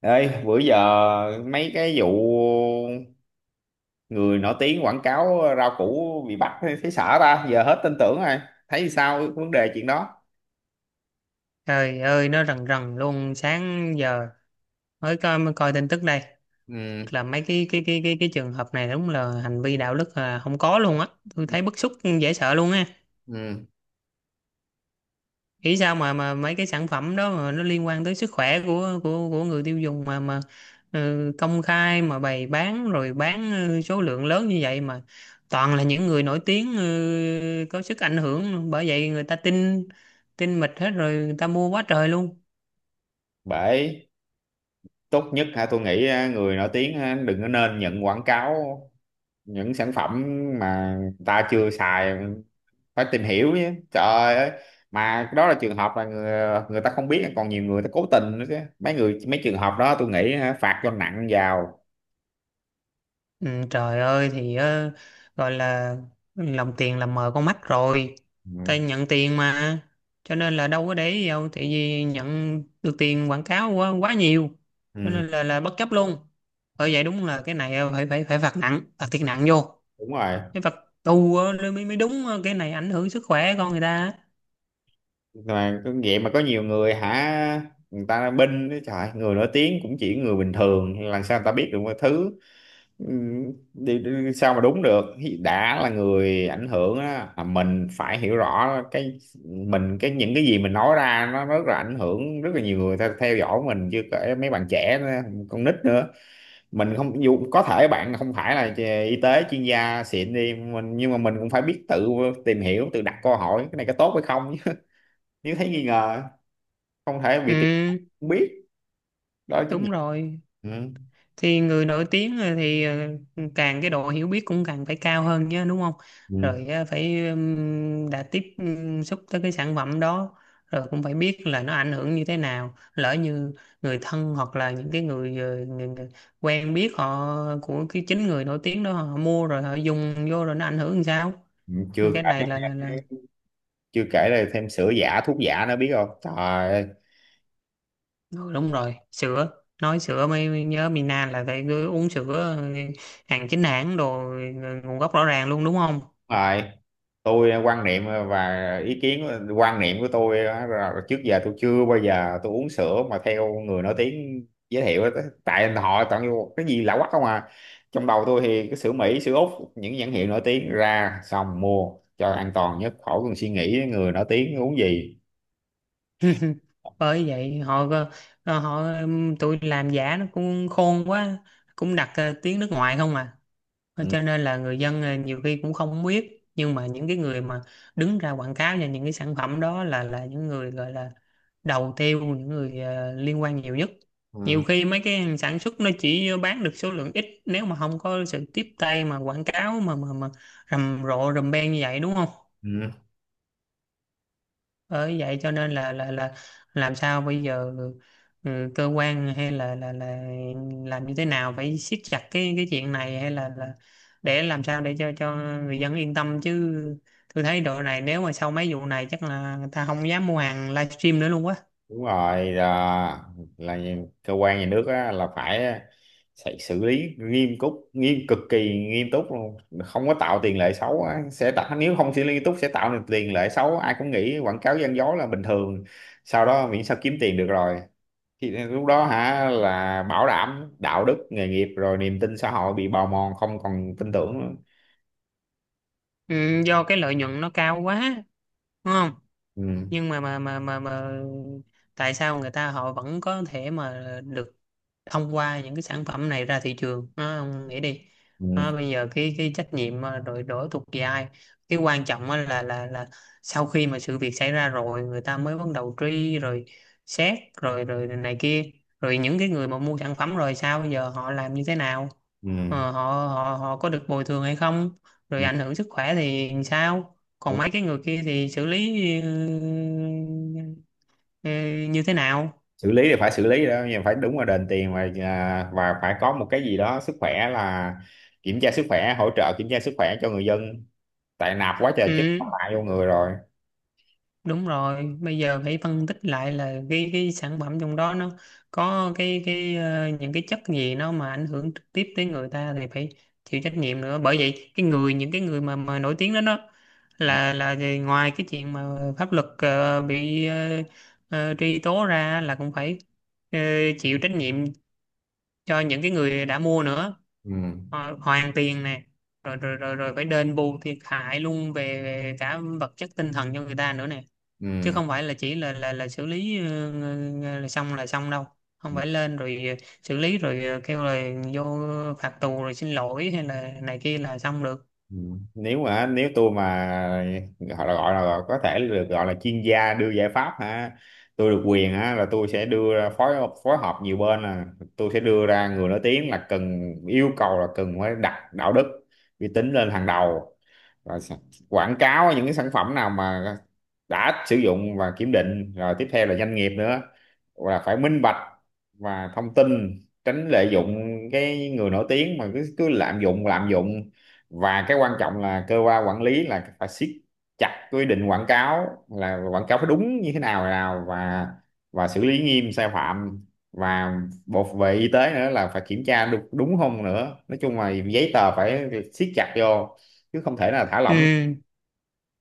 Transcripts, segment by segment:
Ê, bữa giờ mấy cái vụ người nổi tiếng quảng cáo rau củ bị bắt thấy sợ ta, giờ hết tin tưởng rồi. Thấy sao vấn đề chuyện đó? Trời ơi, nó rần rần luôn sáng giờ, mới coi tin tức đây. Thiệt Ừ. là mấy cái trường hợp này đúng là hành vi đạo đức là không có luôn á, tôi thấy bức xúc, dễ sợ luôn á. Ừ. Nghĩ sao mà mấy cái sản phẩm đó mà nó liên quan tới sức khỏe của người tiêu dùng mà, ừ, công khai mà bày bán rồi bán, số lượng lớn như vậy mà toàn là những người nổi tiếng, có sức ảnh hưởng, bởi vậy người ta tin tin mịt hết rồi, người ta mua quá trời luôn. Bởi tốt nhất hả tôi nghĩ người nổi tiếng á, đừng có nên nhận quảng cáo những sản phẩm mà người ta chưa xài phải tìm hiểu chứ. Trời ơi, mà đó là trường hợp là người ta không biết còn nhiều người ta cố tình nữa chứ. Mấy người mấy trường hợp đó tôi nghĩ hả, phạt cho nặng vào. Ừ, trời ơi thì, gọi là lòng tiền là mờ con mắt rồi, Ừ. tay nhận tiền mà, cho nên là đâu có để ý gì đâu, tại vì nhận được tiền quảng cáo quá quá nhiều, cho Ừ, nên là bất chấp luôn. Bởi vậy đúng là cái này, phải phải phải phạt nặng, phạt thiệt nặng vô. đúng rồi Cái phạt tù, mới mới đúng. Ờ, cái này ảnh hưởng sức khỏe con người ta. mà cứ vậy mà có nhiều người hả, người ta binh đó trời, người nổi tiếng cũng chỉ người bình thường, làm sao người ta biết được mọi thứ. Ừ, đi, đi, sao mà đúng được. Đã là người ảnh hưởng á là mình phải hiểu rõ cái mình, cái những cái gì mình nói ra nó rất là ảnh hưởng rất là nhiều người theo dõi mình, chưa kể mấy bạn trẻ nữa, con nít nữa. Mình không, dù có thể bạn không phải là y tế chuyên gia xịn đi mình nhưng mà mình cũng phải biết tự tìm hiểu, tự đặt câu hỏi cái này có tốt hay không, nếu thấy nghi ngờ không thể bị tìm Ừ, không biết, đó là trách nhiệm. đúng rồi. Ừ. Thì người nổi tiếng, thì càng cái độ hiểu biết cũng càng phải cao hơn nhé, đúng không? Ừ. Rồi phải, đã tiếp xúc tới cái sản phẩm đó rồi cũng phải biết là nó ảnh hưởng như thế nào, lỡ như người thân hoặc là những cái người quen biết họ, của cái chính người nổi tiếng đó, họ mua rồi họ dùng vô rồi nó ảnh hưởng làm sao. Chưa Cái này kể, là. chưa kể là thêm sữa giả thuốc giả nữa biết không, trời ơi đúng Ừ, đúng rồi. Sữa, nói sữa mới mới nhớ, Mina là phải cứ uống sữa, hàng chính hãng đồ, nguồn gốc rõ ràng luôn, đúng không? rồi. Tôi quan niệm và ý kiến, quan niệm của tôi á, là trước giờ tôi chưa bao giờ tôi uống sữa mà theo người nổi tiếng giới thiệu á. Tại họ toàn vô cái gì lạ quắc không à. Trong đầu tôi thì cái sữa Mỹ sữa Úc những nhãn hiệu nổi tiếng ra xong mua cho an toàn nhất, khỏi cần suy nghĩ người nổi tiếng uống gì. Bởi vậy họ, tụi làm giả nó cũng khôn quá, cũng đặt tiếng nước ngoài không à. Ờ, Ừ. cho nên là người dân, nhiều khi cũng không biết, nhưng mà những cái người mà đứng ra quảng cáo cho những cái sản phẩm đó là những người gọi là đầu tiêu, những người liên quan nhiều nhất. Nhiều Ừ. khi mấy cái hàng sản xuất nó chỉ bán được số lượng ít, nếu mà không có sự tiếp tay mà quảng cáo mà rầm rộ rầm beng như vậy, đúng không? Ừ. Bởi vậy cho nên là làm sao bây giờ, cơ quan hay là làm như thế nào, phải siết chặt cái chuyện này hay là để làm sao để cho người dân yên tâm chứ. Tôi thấy độ này, nếu mà sau mấy vụ này chắc là người ta không dám mua hàng livestream nữa luôn quá. Đúng rồi, là cơ quan nhà nước á, là phải sẽ xử lý nghiêm túc, nghiêm cực kỳ nghiêm túc luôn, không có tạo tiền lệ xấu á. Sẽ tạo, nếu không xử lý nghiêm túc sẽ tạo nên tiền lệ xấu, ai cũng nghĩ quảng cáo gian dối là bình thường, sau đó miễn sao kiếm tiền được rồi, thì lúc đó hả là bảo đảm đạo đức nghề nghiệp rồi niềm tin xã hội bị bào mòn, không còn tin tưởng nữa. Ừ, do cái lợi nhuận nó cao quá, đúng không? Ừ. Nhưng mà tại sao người ta họ vẫn có thể mà được thông qua những cái sản phẩm này ra thị trường nó, ông nghĩ đi. Ừ. Đó, bây giờ cái trách nhiệm mà đội đổ thuộc về ai? Cái quan trọng á là sau khi mà sự việc xảy ra rồi, người ta mới bắt đầu truy rồi xét rồi rồi này kia. Rồi những cái người mà mua sản phẩm rồi, sao bây giờ họ làm như thế nào? Ừ. Ờ, họ họ họ có được bồi thường hay không? Rồi ảnh hưởng sức khỏe thì sao? Ừ. Còn mấy cái người kia thì xử lý ừ, ừ, như thế nào? Xử lý thì phải xử lý đó, nhưng phải đúng là đền tiền và và phải có một cái gì đó sức khỏe là kiểm tra sức khỏe, hỗ trợ kiểm tra sức khỏe cho người dân, tại nạp quá trời chứ, Ừ. hại vô người rồi. Đúng rồi, bây giờ phải phân tích lại là cái sản phẩm trong đó nó có cái những cái chất gì nó mà ảnh hưởng trực tiếp tới người ta thì phải chịu trách nhiệm nữa. Bởi vậy cái người, những cái người mà nổi tiếng đó đó Ừ. là ngoài cái chuyện mà pháp luật bị, truy tố ra, là cũng phải ờ, chịu trách nhiệm cho những cái người đã mua nữa. Ừ. Hoàn tiền nè, rồi rồi rồi rồi phải đền bù thiệt hại luôn về cả vật chất tinh thần cho người ta nữa nè, chứ Ừ. không phải là chỉ là xử lý, là xong đâu. Không Ừ. phải lên rồi xử lý rồi kêu là vô phạt tù rồi xin lỗi hay là này kia là xong được. Ừ. Nếu mà nếu tôi mà gọi là, gọi là có thể được gọi là chuyên gia đưa giải pháp ha, tôi được quyền á là tôi sẽ đưa ra phối, phối hợp nhiều bên là tôi sẽ đưa ra người nổi tiếng là cần, yêu cầu là cần phải đặt đạo đức uy tín lên hàng đầu, rồi quảng cáo những cái sản phẩm nào mà đã sử dụng và kiểm định rồi, tiếp theo là doanh nghiệp nữa là phải minh bạch và thông tin, tránh lợi dụng cái người nổi tiếng mà cứ cứ lạm dụng lạm dụng, và cái quan trọng là cơ quan quản lý là phải siết chặt quy định quảng cáo, là quảng cáo phải đúng như thế nào nào, và xử lý nghiêm sai phạm, và bộ về y tế nữa là phải kiểm tra đúng, đúng không nữa, nói chung là giấy tờ phải siết chặt vô chứ không thể nào thả lỏng. Ừ.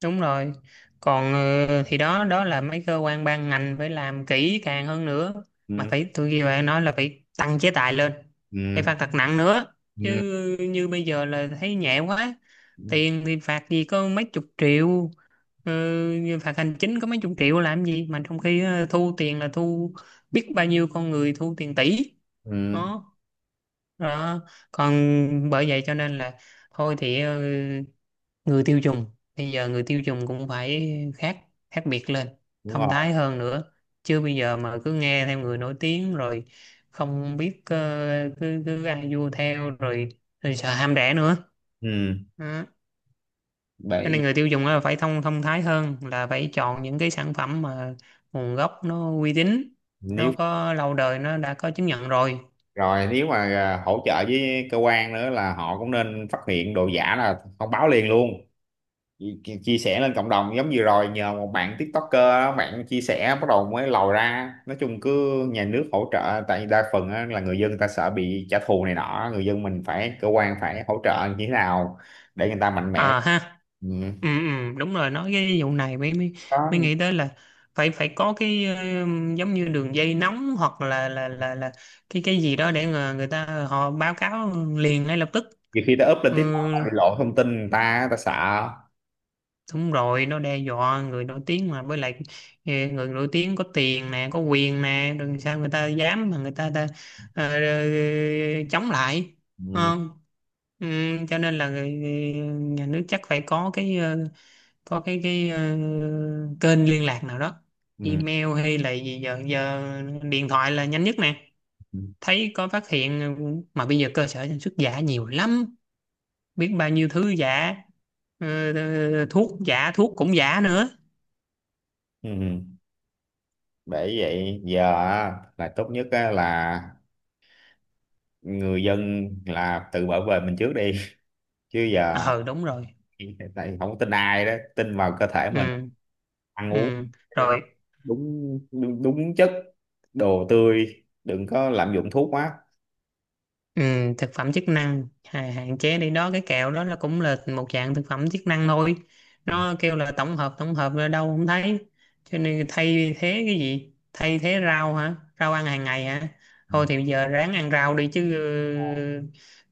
Đúng rồi. Còn thì đó đó là mấy cơ quan ban ngành phải làm kỹ càng hơn nữa, mà Ừ, phải, tôi ghi bạn nói là phải tăng chế tài lên, phải ừ, phạt thật nặng nữa chứ. ừ, Như bây giờ là thấy nhẹ quá, tiền thì phạt gì có mấy chục triệu, ờ, như phạt hành chính có mấy chục triệu làm gì, mà trong khi thu tiền là thu biết bao nhiêu con người, thu tiền tỷ. ừ, Đó, đó. Còn, bởi vậy cho nên là, thôi thì, người tiêu dùng, bây giờ người tiêu dùng cũng phải khác khác biệt lên, đúng thông rồi. thái hơn nữa chứ. Bây giờ mà cứ nghe theo người nổi tiếng rồi không biết, ờ, cứ cứ ăn vua theo rồi, rồi sợ ham rẻ nữa. Ừ. Đó. Cho nên Bởi người tiêu dùng á, phải thông thông thái hơn, là phải chọn những cái sản phẩm mà nguồn gốc nó uy tín, nó nếu có lâu đời, nó đã có chứng nhận rồi. rồi nếu mà hỗ trợ với cơ quan nữa là họ cũng nên phát hiện đồ giả là thông báo liền luôn. Chia sẻ lên cộng đồng giống như rồi nhờ một bạn TikToker đó, bạn chia sẻ bắt đầu mới lòi ra, nói chung cứ nhà nước hỗ trợ, tại vì đa phần á, là người dân người ta sợ bị trả thù này nọ, người dân mình phải cơ quan phải hỗ trợ như thế nào để người ta mạnh mẽ. À ha. Ừ. Ừ, ừ, đúng rồi. Nói cái vụ này mới mới Đó, mới nghĩ tới là phải phải có cái, giống như đường dây nóng hoặc là cái gì đó để người ta họ báo cáo liền ngay lập tức. nhiều khi ta up lên Ừ, TikTok ta bị lộ thông tin người ta ta sợ. đúng rồi, nó đe dọa người nổi tiếng mà, với lại người nổi tiếng có tiền nè, có quyền nè, đừng sao người ta dám mà người ta ờ, chống lại. Đúng Ừ, không? Ừ, cho nên là nhà nước chắc phải có cái, có cái kênh liên lạc nào đó, ừ, email hay là gì, giờ giờ điện thoại là nhanh nhất nè. ừ. Thấy có phát hiện, mà bây giờ cơ sở sản xuất giả nhiều lắm, biết bao nhiêu thứ giả, thuốc cũng giả nữa. Ừ. Vậy giờ á, là tốt nhất á, là người dân là tự bảo vệ mình trước đi, chứ giờ Ờ Đúng rồi. tại không có tin ai, đó tin vào cơ thể mình, Ừ, ăn uống ừ, rồi. đúng đúng, đúng chất, đồ tươi đừng có lạm dụng thuốc quá. Ừ, thực phẩm chức năng hạn chế đi. Đó, cái kẹo đó là cũng là một dạng thực phẩm chức năng thôi, Ừ, nó kêu là tổng hợp, tổng hợp là đâu không thấy. Cho nên thay thế cái gì? Thay thế rau hả? Rau ăn hàng ngày hả? Thôi thì bây giờ ráng ăn rau đi chứ, ừ.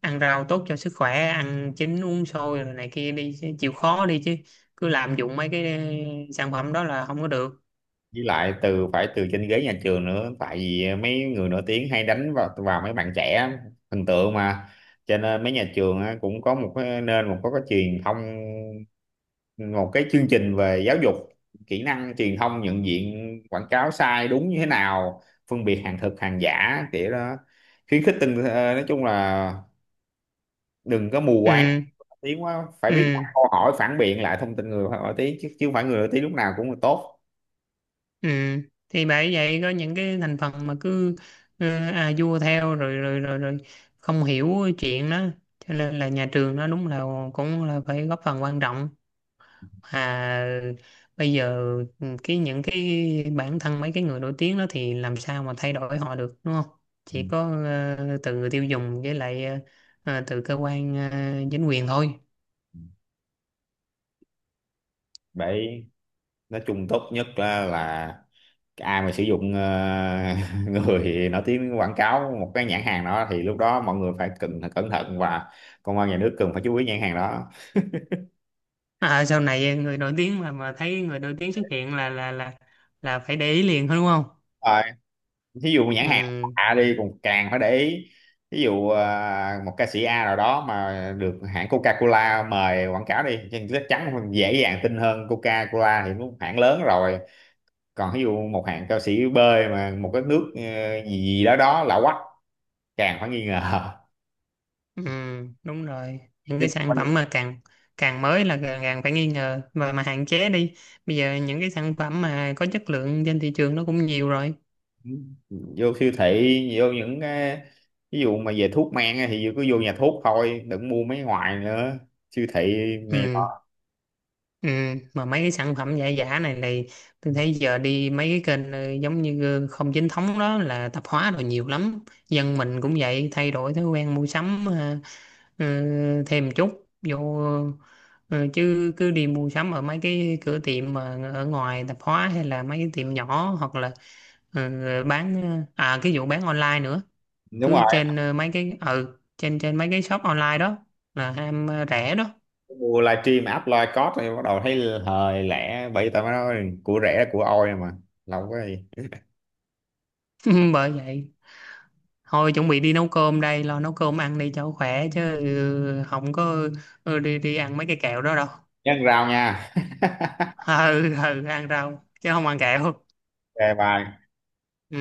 ăn rau tốt cho sức khỏe, ăn chín uống sôi rồi này kia đi chứ, chịu khó đi chứ, cứ lạm dụng mấy cái sản phẩm đó là không có được. Với lại từ phải từ trên ghế nhà trường nữa, tại vì mấy người nổi tiếng hay đánh vào vào mấy bạn trẻ, hình tượng mà, cho nên mấy nhà trường á, cũng có một cái nên một có cái truyền thông, một cái chương trình về giáo dục kỹ năng truyền thông, nhận diện quảng cáo sai đúng như thế nào, phân biệt hàng thật hàng giả kiểu đó, khuyến khích tinh nói chung là đừng có mù Ừ, quáng tiếng quá, phải ừ. biết đặt câu hỏi phản biện lại thông tin người nổi tiếng, chứ chứ không phải người nổi tiếng lúc nào cũng là tốt. Ừ. Thì bởi vậy có những cái thành phần mà cứ à vua theo rồi rồi rồi rồi không hiểu chuyện đó, cho nên là nhà trường nó đúng là cũng là phải góp phần quan trọng. À, bây giờ những cái bản thân mấy cái người nổi tiếng đó thì làm sao mà thay đổi họ được, đúng không? Ừ. Chỉ có từ người tiêu dùng, với lại từ cơ quan chính quyền thôi. Đấy, nói chung tốt nhất á là cái ai mà sử dụng người nổi tiếng quảng cáo một cái nhãn hàng đó thì lúc đó mọi người phải cần cẩn thận, và công an nhà nước cần phải chú ý nhãn hàng đó. À, sau này người nổi tiếng mà thấy người nổi tiếng xuất hiện là phải để ý liền thôi, đúng không? Rồi, thí dụ nhãn hàng Ừ, A đi còn càng phải để ý, ví dụ một ca sĩ A nào đó mà được hãng Coca-Cola mời quảng cáo đi thì chắc chắn dễ dàng tin hơn, Coca-Cola thì cũng hãng lớn rồi. Còn ví dụ một hãng ca sĩ B mà một cái nước gì gì đó đó lạ quắc, càng phải nghi ngờ. ừ, đúng rồi. Những cái sản phẩm mà càng càng mới là càng, càng phải nghi ngờ và mà hạn chế đi. Bây giờ những cái sản phẩm mà có chất lượng trên thị trường nó cũng nhiều rồi. Vô siêu thị, vô những cái ví dụ mà về thuốc men á thì cứ vô nhà thuốc thôi, đừng mua mấy ngoài nữa, siêu thị này nọ. Ừ, ừ. Mà mấy cái sản phẩm giả giả này này, tôi thấy giờ đi mấy cái kênh, giống như không chính thống đó, là tạp hóa rồi nhiều lắm. Dân mình cũng vậy, thay đổi thói quen mua sắm, Ờ, thêm một chút vô, chứ cứ đi mua sắm ở mấy cái cửa tiệm mà ở ngoài tạp hóa, hay là mấy cái tiệm nhỏ, hoặc là ờ, bán, cái vụ bán online nữa, Đúng cứ rồi, trên mấy cái, trên trên mấy cái shop online đó là ham rẻ đó. mua livestream app live code thì bắt đầu thấy hời lẻ, bởi vì tao mới nói của rẻ là của ôi mà, lâu quá gì. Bởi vậy thôi, chuẩn bị đi nấu cơm đây, lo nấu cơm ăn đi cho khỏe chứ, không có đi đi ăn mấy cái kẹo đó đâu. Nhân rau nha. Ừ, ừ, ăn rau chứ không ăn kẹo. OK bye. Ừ.